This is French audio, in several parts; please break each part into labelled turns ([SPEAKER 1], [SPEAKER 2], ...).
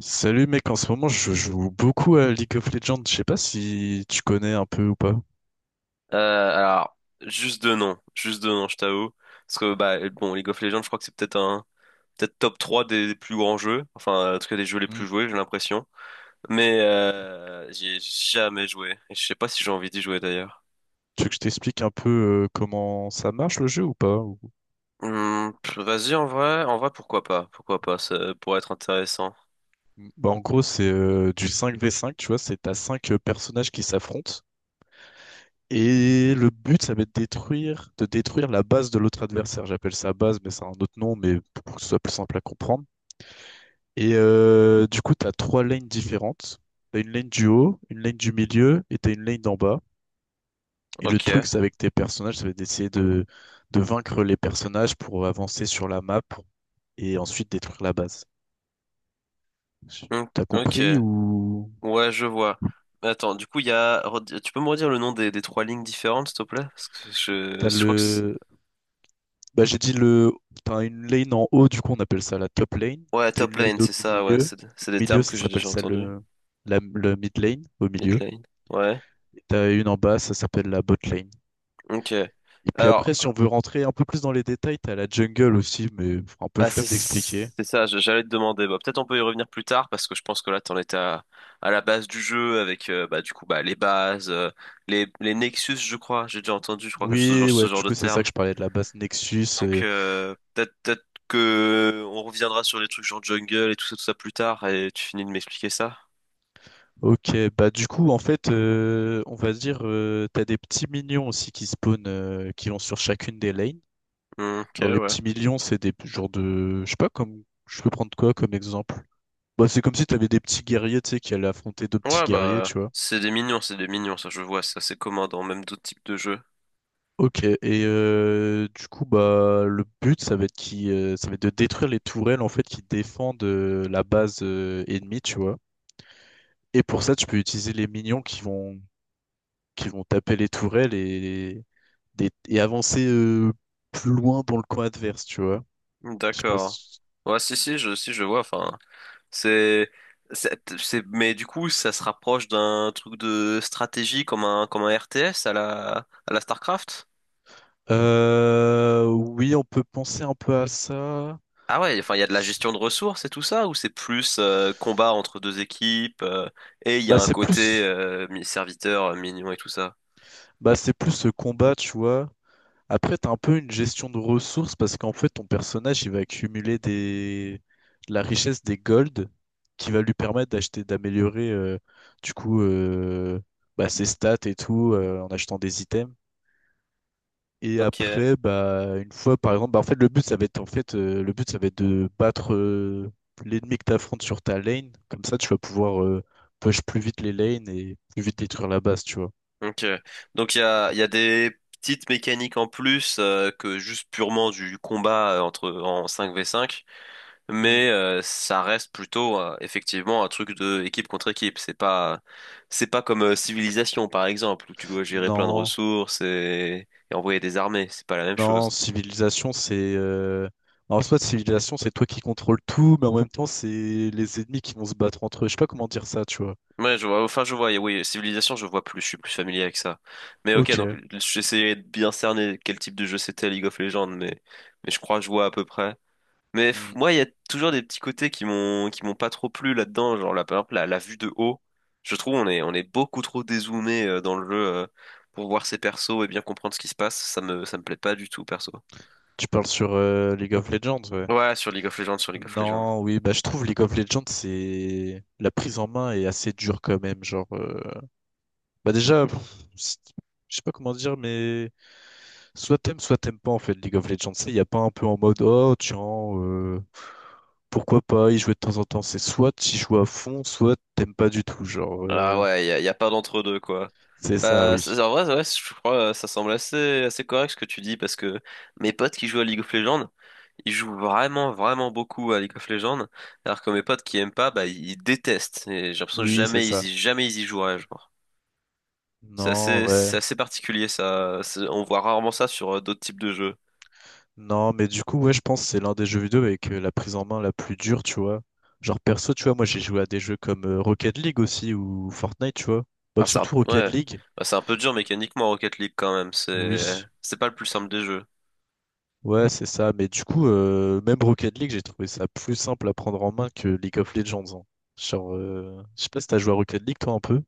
[SPEAKER 1] Salut mec, en ce moment je joue beaucoup à League of Legends, je sais pas si tu connais un peu ou pas.
[SPEAKER 2] Euh, alors, juste de nom, juste de nom. Je t'avoue. Parce que, bah, bon, League of Legends, je crois que c'est peut-être top 3 des plus grands jeux. Enfin, en tout cas, des jeux les
[SPEAKER 1] Mm.
[SPEAKER 2] plus joués, j'ai l'impression. Mais, j'y ai jamais joué. Et je sais pas si j'ai envie d'y jouer d'ailleurs.
[SPEAKER 1] Tu veux que je t'explique un peu comment ça marche le jeu ou pas?
[SPEAKER 2] Vas-y, en vrai, pourquoi pas? Pourquoi pas? Ça pourrait être intéressant.
[SPEAKER 1] Bah, en gros c'est du 5v5. Tu vois, c'est t'as 5 personnages qui s'affrontent, et le but ça va être de détruire la base de l'autre adversaire. J'appelle ça base mais c'est un autre nom, mais pour que ce soit plus simple à comprendre. Et du coup, t'as trois lanes différentes. T'as une lane du haut, une lane du milieu et t'as une lane d'en bas. Et le
[SPEAKER 2] Ok.
[SPEAKER 1] truc, c'est avec tes personnages, ça va être d'essayer de vaincre les personnages pour avancer sur la map et ensuite détruire la base. Je-
[SPEAKER 2] Hmm,
[SPEAKER 1] T'as
[SPEAKER 2] ok.
[SPEAKER 1] compris ou
[SPEAKER 2] Ouais, je vois. Mais attends, du coup, il y a, redi- tu peux me redire le nom des trois lignes différentes, s'il te plaît? Parce que je,
[SPEAKER 1] t'as
[SPEAKER 2] je crois que c'est-
[SPEAKER 1] le. Bah, j'ai dit le. T'as une lane en haut, du coup on appelle ça la top lane.
[SPEAKER 2] Ouais,
[SPEAKER 1] T'as
[SPEAKER 2] top
[SPEAKER 1] une lane
[SPEAKER 2] lane,
[SPEAKER 1] au
[SPEAKER 2] c'est ça, ouais,
[SPEAKER 1] milieu.
[SPEAKER 2] c'est des
[SPEAKER 1] Milieu,
[SPEAKER 2] termes
[SPEAKER 1] ça
[SPEAKER 2] que j'ai
[SPEAKER 1] s'appelle
[SPEAKER 2] déjà
[SPEAKER 1] ça
[SPEAKER 2] entendus.
[SPEAKER 1] le mid lane, au
[SPEAKER 2] Mid
[SPEAKER 1] milieu.
[SPEAKER 2] lane. Ouais,
[SPEAKER 1] Et t'as une en bas, ça s'appelle la bot lane.
[SPEAKER 2] ok.
[SPEAKER 1] Et puis
[SPEAKER 2] Alors,
[SPEAKER 1] après, si on veut rentrer un peu plus dans les détails, t'as la jungle aussi, mais un peu
[SPEAKER 2] bah c'est
[SPEAKER 1] flemme d'expliquer.
[SPEAKER 2] c'est ça, j'allais te demander. Bah, peut-être on peut y revenir plus tard parce que je pense que là t'en étais à la base du jeu avec bah du coup bah les bases, les Nexus, je crois. J'ai déjà entendu, je crois que
[SPEAKER 1] Oui,
[SPEAKER 2] ce
[SPEAKER 1] ouais,
[SPEAKER 2] genre
[SPEAKER 1] du
[SPEAKER 2] de
[SPEAKER 1] coup, c'est ça
[SPEAKER 2] terme.
[SPEAKER 1] que je parlais de la base Nexus.
[SPEAKER 2] Donc
[SPEAKER 1] euh,
[SPEAKER 2] peut-être que on reviendra sur les trucs genre jungle et tout ça plus tard et tu finis de m'expliquer ça.
[SPEAKER 1] ok, bah du coup, en fait, on va dire, t'as des petits minions aussi qui spawnent, qui vont sur chacune des lanes.
[SPEAKER 2] Hmm, ok,
[SPEAKER 1] Genre, les
[SPEAKER 2] ouais.
[SPEAKER 1] petits minions, c'est des genres de, je sais pas, comme, je peux prendre quoi comme exemple? Bah, c'est comme si t'avais des petits guerriers, tu sais, qui allaient affronter deux petits
[SPEAKER 2] Ouais,
[SPEAKER 1] guerriers,
[SPEAKER 2] bah,
[SPEAKER 1] tu vois.
[SPEAKER 2] c'est des mignons, ça je vois, ça c'est commun dans même d'autres types de jeux.
[SPEAKER 1] Ok, et du coup, bah, le but, ça va être de détruire les tourelles, en fait, qui défendent la base ennemie, tu vois. Et pour ça, tu peux utiliser les minions qui vont taper les tourelles et, et avancer plus loin dans le coin adverse, tu vois. Je sais pas
[SPEAKER 2] D'accord.
[SPEAKER 1] si-
[SPEAKER 2] Ouais, si, si, si, je vois, enfin, c'est, mais du coup, ça se rapproche d'un truc de stratégie comme un RTS à la StarCraft?
[SPEAKER 1] Oui, on peut penser un peu à ça.
[SPEAKER 2] Ah ouais, enfin, il y a de la gestion de ressources et tout ça, ou c'est plus combat entre deux équipes, et il y a
[SPEAKER 1] Bah,
[SPEAKER 2] un côté serviteur, mignon et tout ça?
[SPEAKER 1] c'est plus ce combat, tu vois. Après, t'as un peu une gestion de ressources parce qu'en fait, ton personnage, il va accumuler de la richesse, des gold, qui va lui permettre d'acheter, d'améliorer, du coup, bah, ses stats et tout, en achetant des items. Et
[SPEAKER 2] Ok.
[SPEAKER 1] après, bah, une fois, par exemple, bah, en fait, le but, ça va être de battre l'ennemi que t'affrontes sur ta lane. Comme ça, tu vas pouvoir push plus vite les lanes et plus vite détruire la base, tu vois.
[SPEAKER 2] Ok. Donc il y a des petites mécaniques en plus que juste purement du combat entre en cinq v cinq,
[SPEAKER 1] Mm.
[SPEAKER 2] mais ça reste plutôt effectivement un truc de équipe contre équipe. C'est pas comme Civilisation par exemple où tu dois gérer plein de
[SPEAKER 1] Non,
[SPEAKER 2] ressources et envoyer des armées. C'est pas la même
[SPEAKER 1] non.
[SPEAKER 2] chose.
[SPEAKER 1] En soit civilisation, c'est toi qui contrôles tout, mais en même temps, c'est les ennemis qui vont se battre entre eux. Je sais pas comment dire ça, tu vois.
[SPEAKER 2] Ouais, je vois. Enfin, je vois. Oui, Civilisation, je vois plus. Je suis plus familier avec ça. Mais ok, donc
[SPEAKER 1] Ok.
[SPEAKER 2] j'essayais de bien cerner quel type de jeu c'était League of Legends, mais je crois que je vois à peu près. Mais
[SPEAKER 1] Mm.
[SPEAKER 2] moi, il y a toujours des petits côtés qui m'ont pas trop plu là-dedans. Genre, par exemple, la vue de haut. Je trouve on est beaucoup trop dézoomé dans le jeu pour voir ses persos et bien comprendre ce qui se passe. Ça me plaît pas du tout, perso.
[SPEAKER 1] Tu parles sur League of Legends, ouais.
[SPEAKER 2] Ouais, sur League of Legends, sur League of Legends.
[SPEAKER 1] Non, oui, bah je trouve League of Legends, c'est la prise en main est assez dure quand même. Genre, bah déjà, pff, je sais pas comment dire, mais soit t'aimes pas en fait League of Legends. Il y a pas un peu en mode oh tiens, euh, pourquoi pas y jouer de temps en temps. C'est soit tu joues à fond, soit t'aimes pas du tout. Genre,
[SPEAKER 2] Ah ouais, y a pas d'entre-deux, quoi.
[SPEAKER 1] c'est ça,
[SPEAKER 2] Bah,
[SPEAKER 1] oui,
[SPEAKER 2] en vrai, ouais, je crois ça semble assez, assez correct ce que tu dis, parce que mes potes qui jouent à League of Legends, ils jouent vraiment, vraiment beaucoup à League of Legends, alors que mes potes qui aiment pas, bah, ils détestent. Et j'ai l'impression que
[SPEAKER 1] oui, c'est
[SPEAKER 2] jamais
[SPEAKER 1] ça.
[SPEAKER 2] ils y, jamais ils y joueraient, genre.
[SPEAKER 1] Non, ouais.
[SPEAKER 2] C'est assez particulier, ça. On voit rarement ça sur d'autres types de jeux.
[SPEAKER 1] Non, mais du coup, ouais, je pense que c'est l'un des jeux vidéo avec la prise en main la plus dure, tu vois. Genre perso, tu vois, moi j'ai joué à des jeux comme Rocket League aussi ou Fortnite, tu vois. Bah,
[SPEAKER 2] Ah, c'est un,
[SPEAKER 1] surtout Rocket
[SPEAKER 2] ouais.
[SPEAKER 1] League,
[SPEAKER 2] Bah, c'est un peu dur mécaniquement Rocket League quand même. C'est,
[SPEAKER 1] oui.
[SPEAKER 2] c'est pas le plus simple des jeux.
[SPEAKER 1] Ouais, c'est ça. Mais du coup, même Rocket League, j'ai trouvé ça plus simple à prendre en main que League of Legends, hein. Genre, je sais pas si t'as joué à Rocket League, toi, un peu.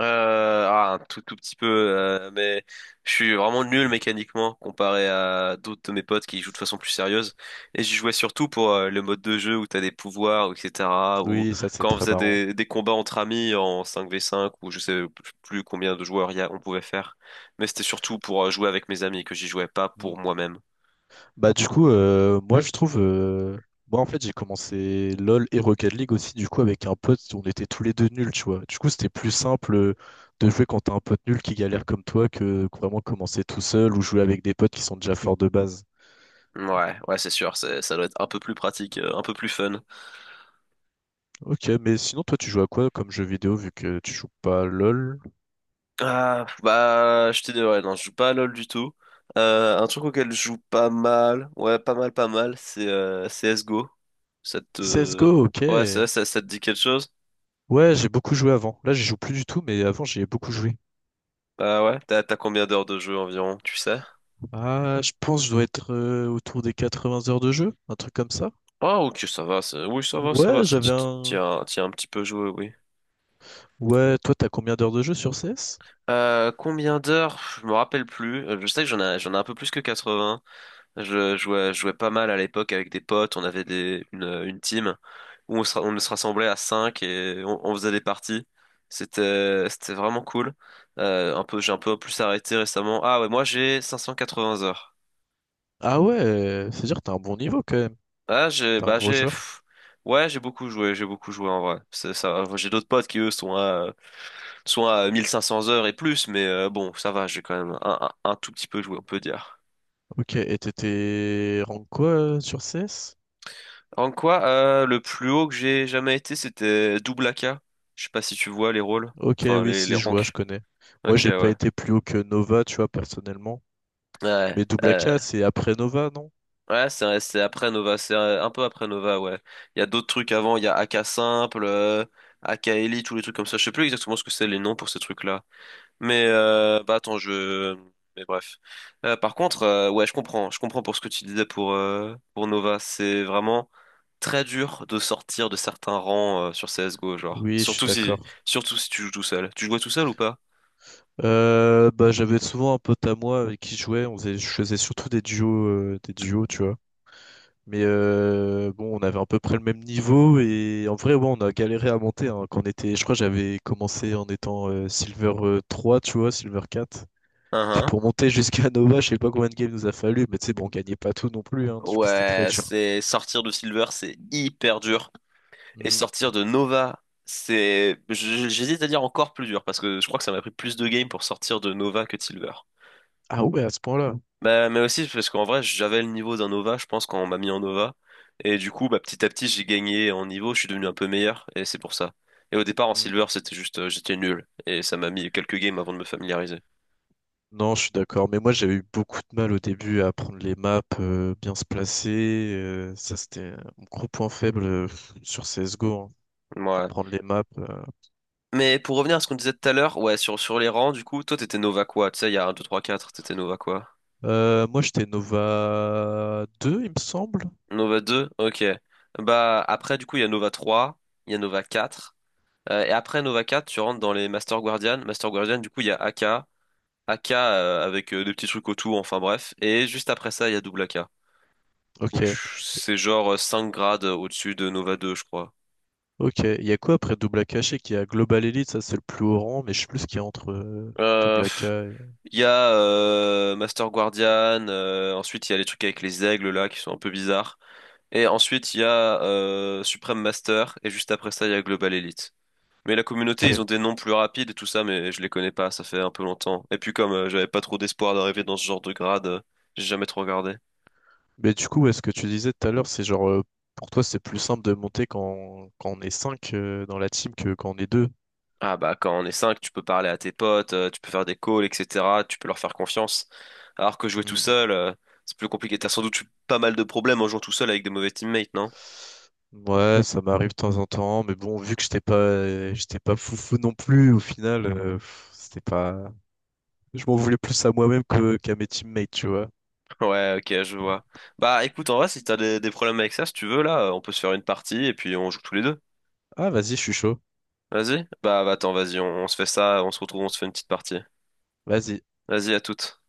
[SPEAKER 2] Ah, un tout, tout petit peu, mais je suis vraiment nul mécaniquement comparé à d'autres de mes potes qui jouent de façon plus sérieuse. Et j'y jouais surtout pour le mode de jeu où t'as des pouvoirs, etc. Ou
[SPEAKER 1] Oui, ça c'est
[SPEAKER 2] quand on
[SPEAKER 1] très
[SPEAKER 2] faisait
[SPEAKER 1] marrant.
[SPEAKER 2] des combats entre amis en cinq v cinq ou je sais plus combien de joueurs il y a, on pouvait faire. Mais c'était surtout pour jouer avec mes amis que j'y jouais pas
[SPEAKER 1] Hmm.
[SPEAKER 2] pour moi-même.
[SPEAKER 1] Bah du coup, moi en fait j'ai commencé LOL et Rocket League aussi du coup avec un pote, on était tous les deux nuls, tu vois. Du coup, c'était plus simple de jouer quand t'as un pote nul qui galère comme toi que vraiment commencer tout seul ou jouer avec des potes qui sont déjà forts de base.
[SPEAKER 2] Ouais, ouais, c'est sûr, ça doit être un peu plus pratique, un peu plus fun.
[SPEAKER 1] Ok, mais sinon toi tu joues à quoi comme jeu vidéo vu que tu joues pas à LOL?
[SPEAKER 2] Ah, bah, je t'ai dit, ouais, non, je joue pas à LoL du tout. Un truc auquel je joue pas mal, ouais, pas mal, pas mal, c'est CSGO. Ça te...
[SPEAKER 1] CSGO, ok.
[SPEAKER 2] Ouais, ça te dit quelque chose?
[SPEAKER 1] Ouais, j'ai beaucoup joué avant. Là, j'y joue plus du tout, mais avant, j'y ai beaucoup joué.
[SPEAKER 2] Bah ouais, t'as combien d'heures de jeu environ, tu sais?
[SPEAKER 1] Ah, je pense que je dois être autour des 80 heures de jeu, un truc comme ça.
[SPEAKER 2] Ah, ok, ça va, oui, ça va,
[SPEAKER 1] Ouais, j'avais
[SPEAKER 2] tu tu- tu
[SPEAKER 1] un,
[SPEAKER 2] as tu as un petit peu joué, oui.
[SPEAKER 1] Ouais, toi, t'as combien d'heures de jeu sur CS?
[SPEAKER 2] Combien d'heures? Je me rappelle plus. Je sais que j'en ai un peu plus que 80. Je jouais pas mal à l'époque avec des potes. On avait une team où on se rassemblait à 5 et on faisait des parties. C'était vraiment cool. J'ai un peu plus arrêté récemment. Ah ouais, moi j'ai 580 heures.
[SPEAKER 1] Ah ouais, c'est-à-dire que t'as un bon niveau quand même.
[SPEAKER 2] Ah, j'ai,
[SPEAKER 1] T'es un
[SPEAKER 2] bah
[SPEAKER 1] gros
[SPEAKER 2] j'ai,
[SPEAKER 1] joueur.
[SPEAKER 2] pff, ouais, j'ai beaucoup joué, j'ai beaucoup joué en vrai. C'est ça, j'ai d'autres potes qui eux sont à 1500 heures et plus, mais bon, ça va, j'ai quand même un tout petit peu joué, on peut dire.
[SPEAKER 1] Ok, et t'étais rank quoi sur CS?
[SPEAKER 2] Le plus haut que j'ai jamais été, c'était double AK. Je sais pas si tu vois les rôles,
[SPEAKER 1] Ok,
[SPEAKER 2] enfin
[SPEAKER 1] oui,
[SPEAKER 2] les
[SPEAKER 1] si, je vois, je
[SPEAKER 2] ranks.
[SPEAKER 1] connais. Moi,
[SPEAKER 2] Ok,
[SPEAKER 1] j'ai pas
[SPEAKER 2] ouais.
[SPEAKER 1] été plus haut que Nova, tu vois, personnellement.
[SPEAKER 2] Ouais.
[SPEAKER 1] Mais Double A AK, c'est après Nova, non?
[SPEAKER 2] Ouais, c'est après Nova, c'est un peu après Nova, ouais. Il y a d'autres trucs avant, il y a AK Simple, AK Elite, tous les trucs comme ça. Je sais plus exactement ce que c'est les noms pour ces trucs-là. Mais
[SPEAKER 1] Mm.
[SPEAKER 2] bah attends, je. Mais bref. Par contre, ouais, je comprends pour ce que tu disais pour pour Nova. C'est vraiment très dur de sortir de certains rangs sur CS:GO, genre.
[SPEAKER 1] Oui, je suis d'accord.
[SPEAKER 2] Surtout si tu joues tout seul. Tu jouais tout seul ou pas?
[SPEAKER 1] Bah, j'avais souvent un pote à moi avec qui je jouais, je faisais surtout des des duos, tu vois. Mais bon, on avait à peu près le même niveau et en vrai, ouais, on a galéré à monter, hein, quand on était, je crois, que j'avais commencé en étant Silver 3, tu vois, Silver 4.
[SPEAKER 2] Hein,
[SPEAKER 1] Puis
[SPEAKER 2] hein.
[SPEAKER 1] pour monter jusqu'à Nova, je sais pas combien de games nous a fallu, mais tu sais, bon, on gagnait pas tout non plus, hein, du coup, c'était très
[SPEAKER 2] Ouais,
[SPEAKER 1] dur.
[SPEAKER 2] c'est sortir de Silver, c'est hyper dur. Et
[SPEAKER 1] Hmm.
[SPEAKER 2] sortir de Nova, j'hésite à dire encore plus dur, parce que je crois que ça m'a pris plus de games pour sortir de Nova que de Silver.
[SPEAKER 1] Ah ouais, à ce point-là.
[SPEAKER 2] Bah, mais aussi parce qu'en vrai, j'avais le niveau d'un Nova, je pense, quand on m'a mis en Nova. Et du coup, bah, petit à petit, j'ai gagné en niveau, je suis devenu un peu meilleur, et c'est pour ça. Et au départ, en Silver, c'était juste, j'étais nul. Et ça m'a mis quelques games avant de me familiariser.
[SPEAKER 1] Non, je suis d'accord, mais moi j'avais eu beaucoup de mal au début à prendre les maps, bien se placer. Ça, c'était mon gros point faible sur CSGO, hein, à
[SPEAKER 2] Ouais.
[SPEAKER 1] prendre les maps.
[SPEAKER 2] Mais pour revenir à ce qu'on disait tout à l'heure, ouais, sur les rangs, du coup, toi, t'étais Nova quoi? Tu sais, il y a un, 2, 3, 4, t'étais Nova quoi?
[SPEAKER 1] Moi j'étais Nova 2, il me semble.
[SPEAKER 2] Nova 2, ok. Bah après du coup il y a Nova 3, il y a Nova 4. Et après Nova 4, tu rentres dans les Master Guardian. Master Guardian, du coup il y a AK, AK avec des petits trucs autour, enfin bref. Et juste après ça, il y a double AK.
[SPEAKER 1] Ok,
[SPEAKER 2] Donc c'est genre 5 grades au-dessus de Nova 2, je crois.
[SPEAKER 1] ok. Il y a quoi après Double AK? Je sais qu'il y a Global Elite, ça c'est le plus haut rang, mais je sais plus ce qu'il y a entre
[SPEAKER 2] Euh,
[SPEAKER 1] Double AK
[SPEAKER 2] pff,
[SPEAKER 1] et...
[SPEAKER 2] il y a Master Guardian, ensuite il y a les trucs avec les aigles là qui sont un peu bizarres. Et ensuite il y a Supreme Master, et juste après ça il y a Global Elite. Mais la communauté, ils ont
[SPEAKER 1] Ok.
[SPEAKER 2] des noms plus rapides et tout ça, mais je les connais pas, ça fait un peu longtemps. Et puis comme j'avais pas trop d'espoir d'arriver dans ce genre de grade, j'ai jamais trop regardé.
[SPEAKER 1] Mais du coup, ouais, ce que tu disais tout à l'heure, c'est genre, pour toi c'est plus simple de monter quand on est 5 dans la team que quand on est deux.
[SPEAKER 2] Ah bah quand on est 5, tu peux parler à tes potes, tu peux faire des calls, etc. Tu peux leur faire confiance. Alors que jouer tout
[SPEAKER 1] Mm.
[SPEAKER 2] seul, c'est plus compliqué. T'as sans doute eu pas mal de problèmes en jouant tout seul avec des mauvais teammates, non?
[SPEAKER 1] Ouais, ça m'arrive de temps en temps, mais bon, vu que j'étais pas foufou non plus, au final, pff, c'était pas. Je m'en voulais plus à moi-même que qu'à mes teammates, tu vois.
[SPEAKER 2] Ouais, ok, je vois. Bah écoute, en vrai, si t'as des problèmes avec ça, si tu veux, là, on peut se faire une partie et puis on joue tous les deux.
[SPEAKER 1] Ah, vas-y, je suis chaud.
[SPEAKER 2] Vas-y? Bah, attends, vas-y, on se fait ça, on se retrouve, on se fait une petite partie.
[SPEAKER 1] Vas-y.
[SPEAKER 2] Vas-y, à toutes.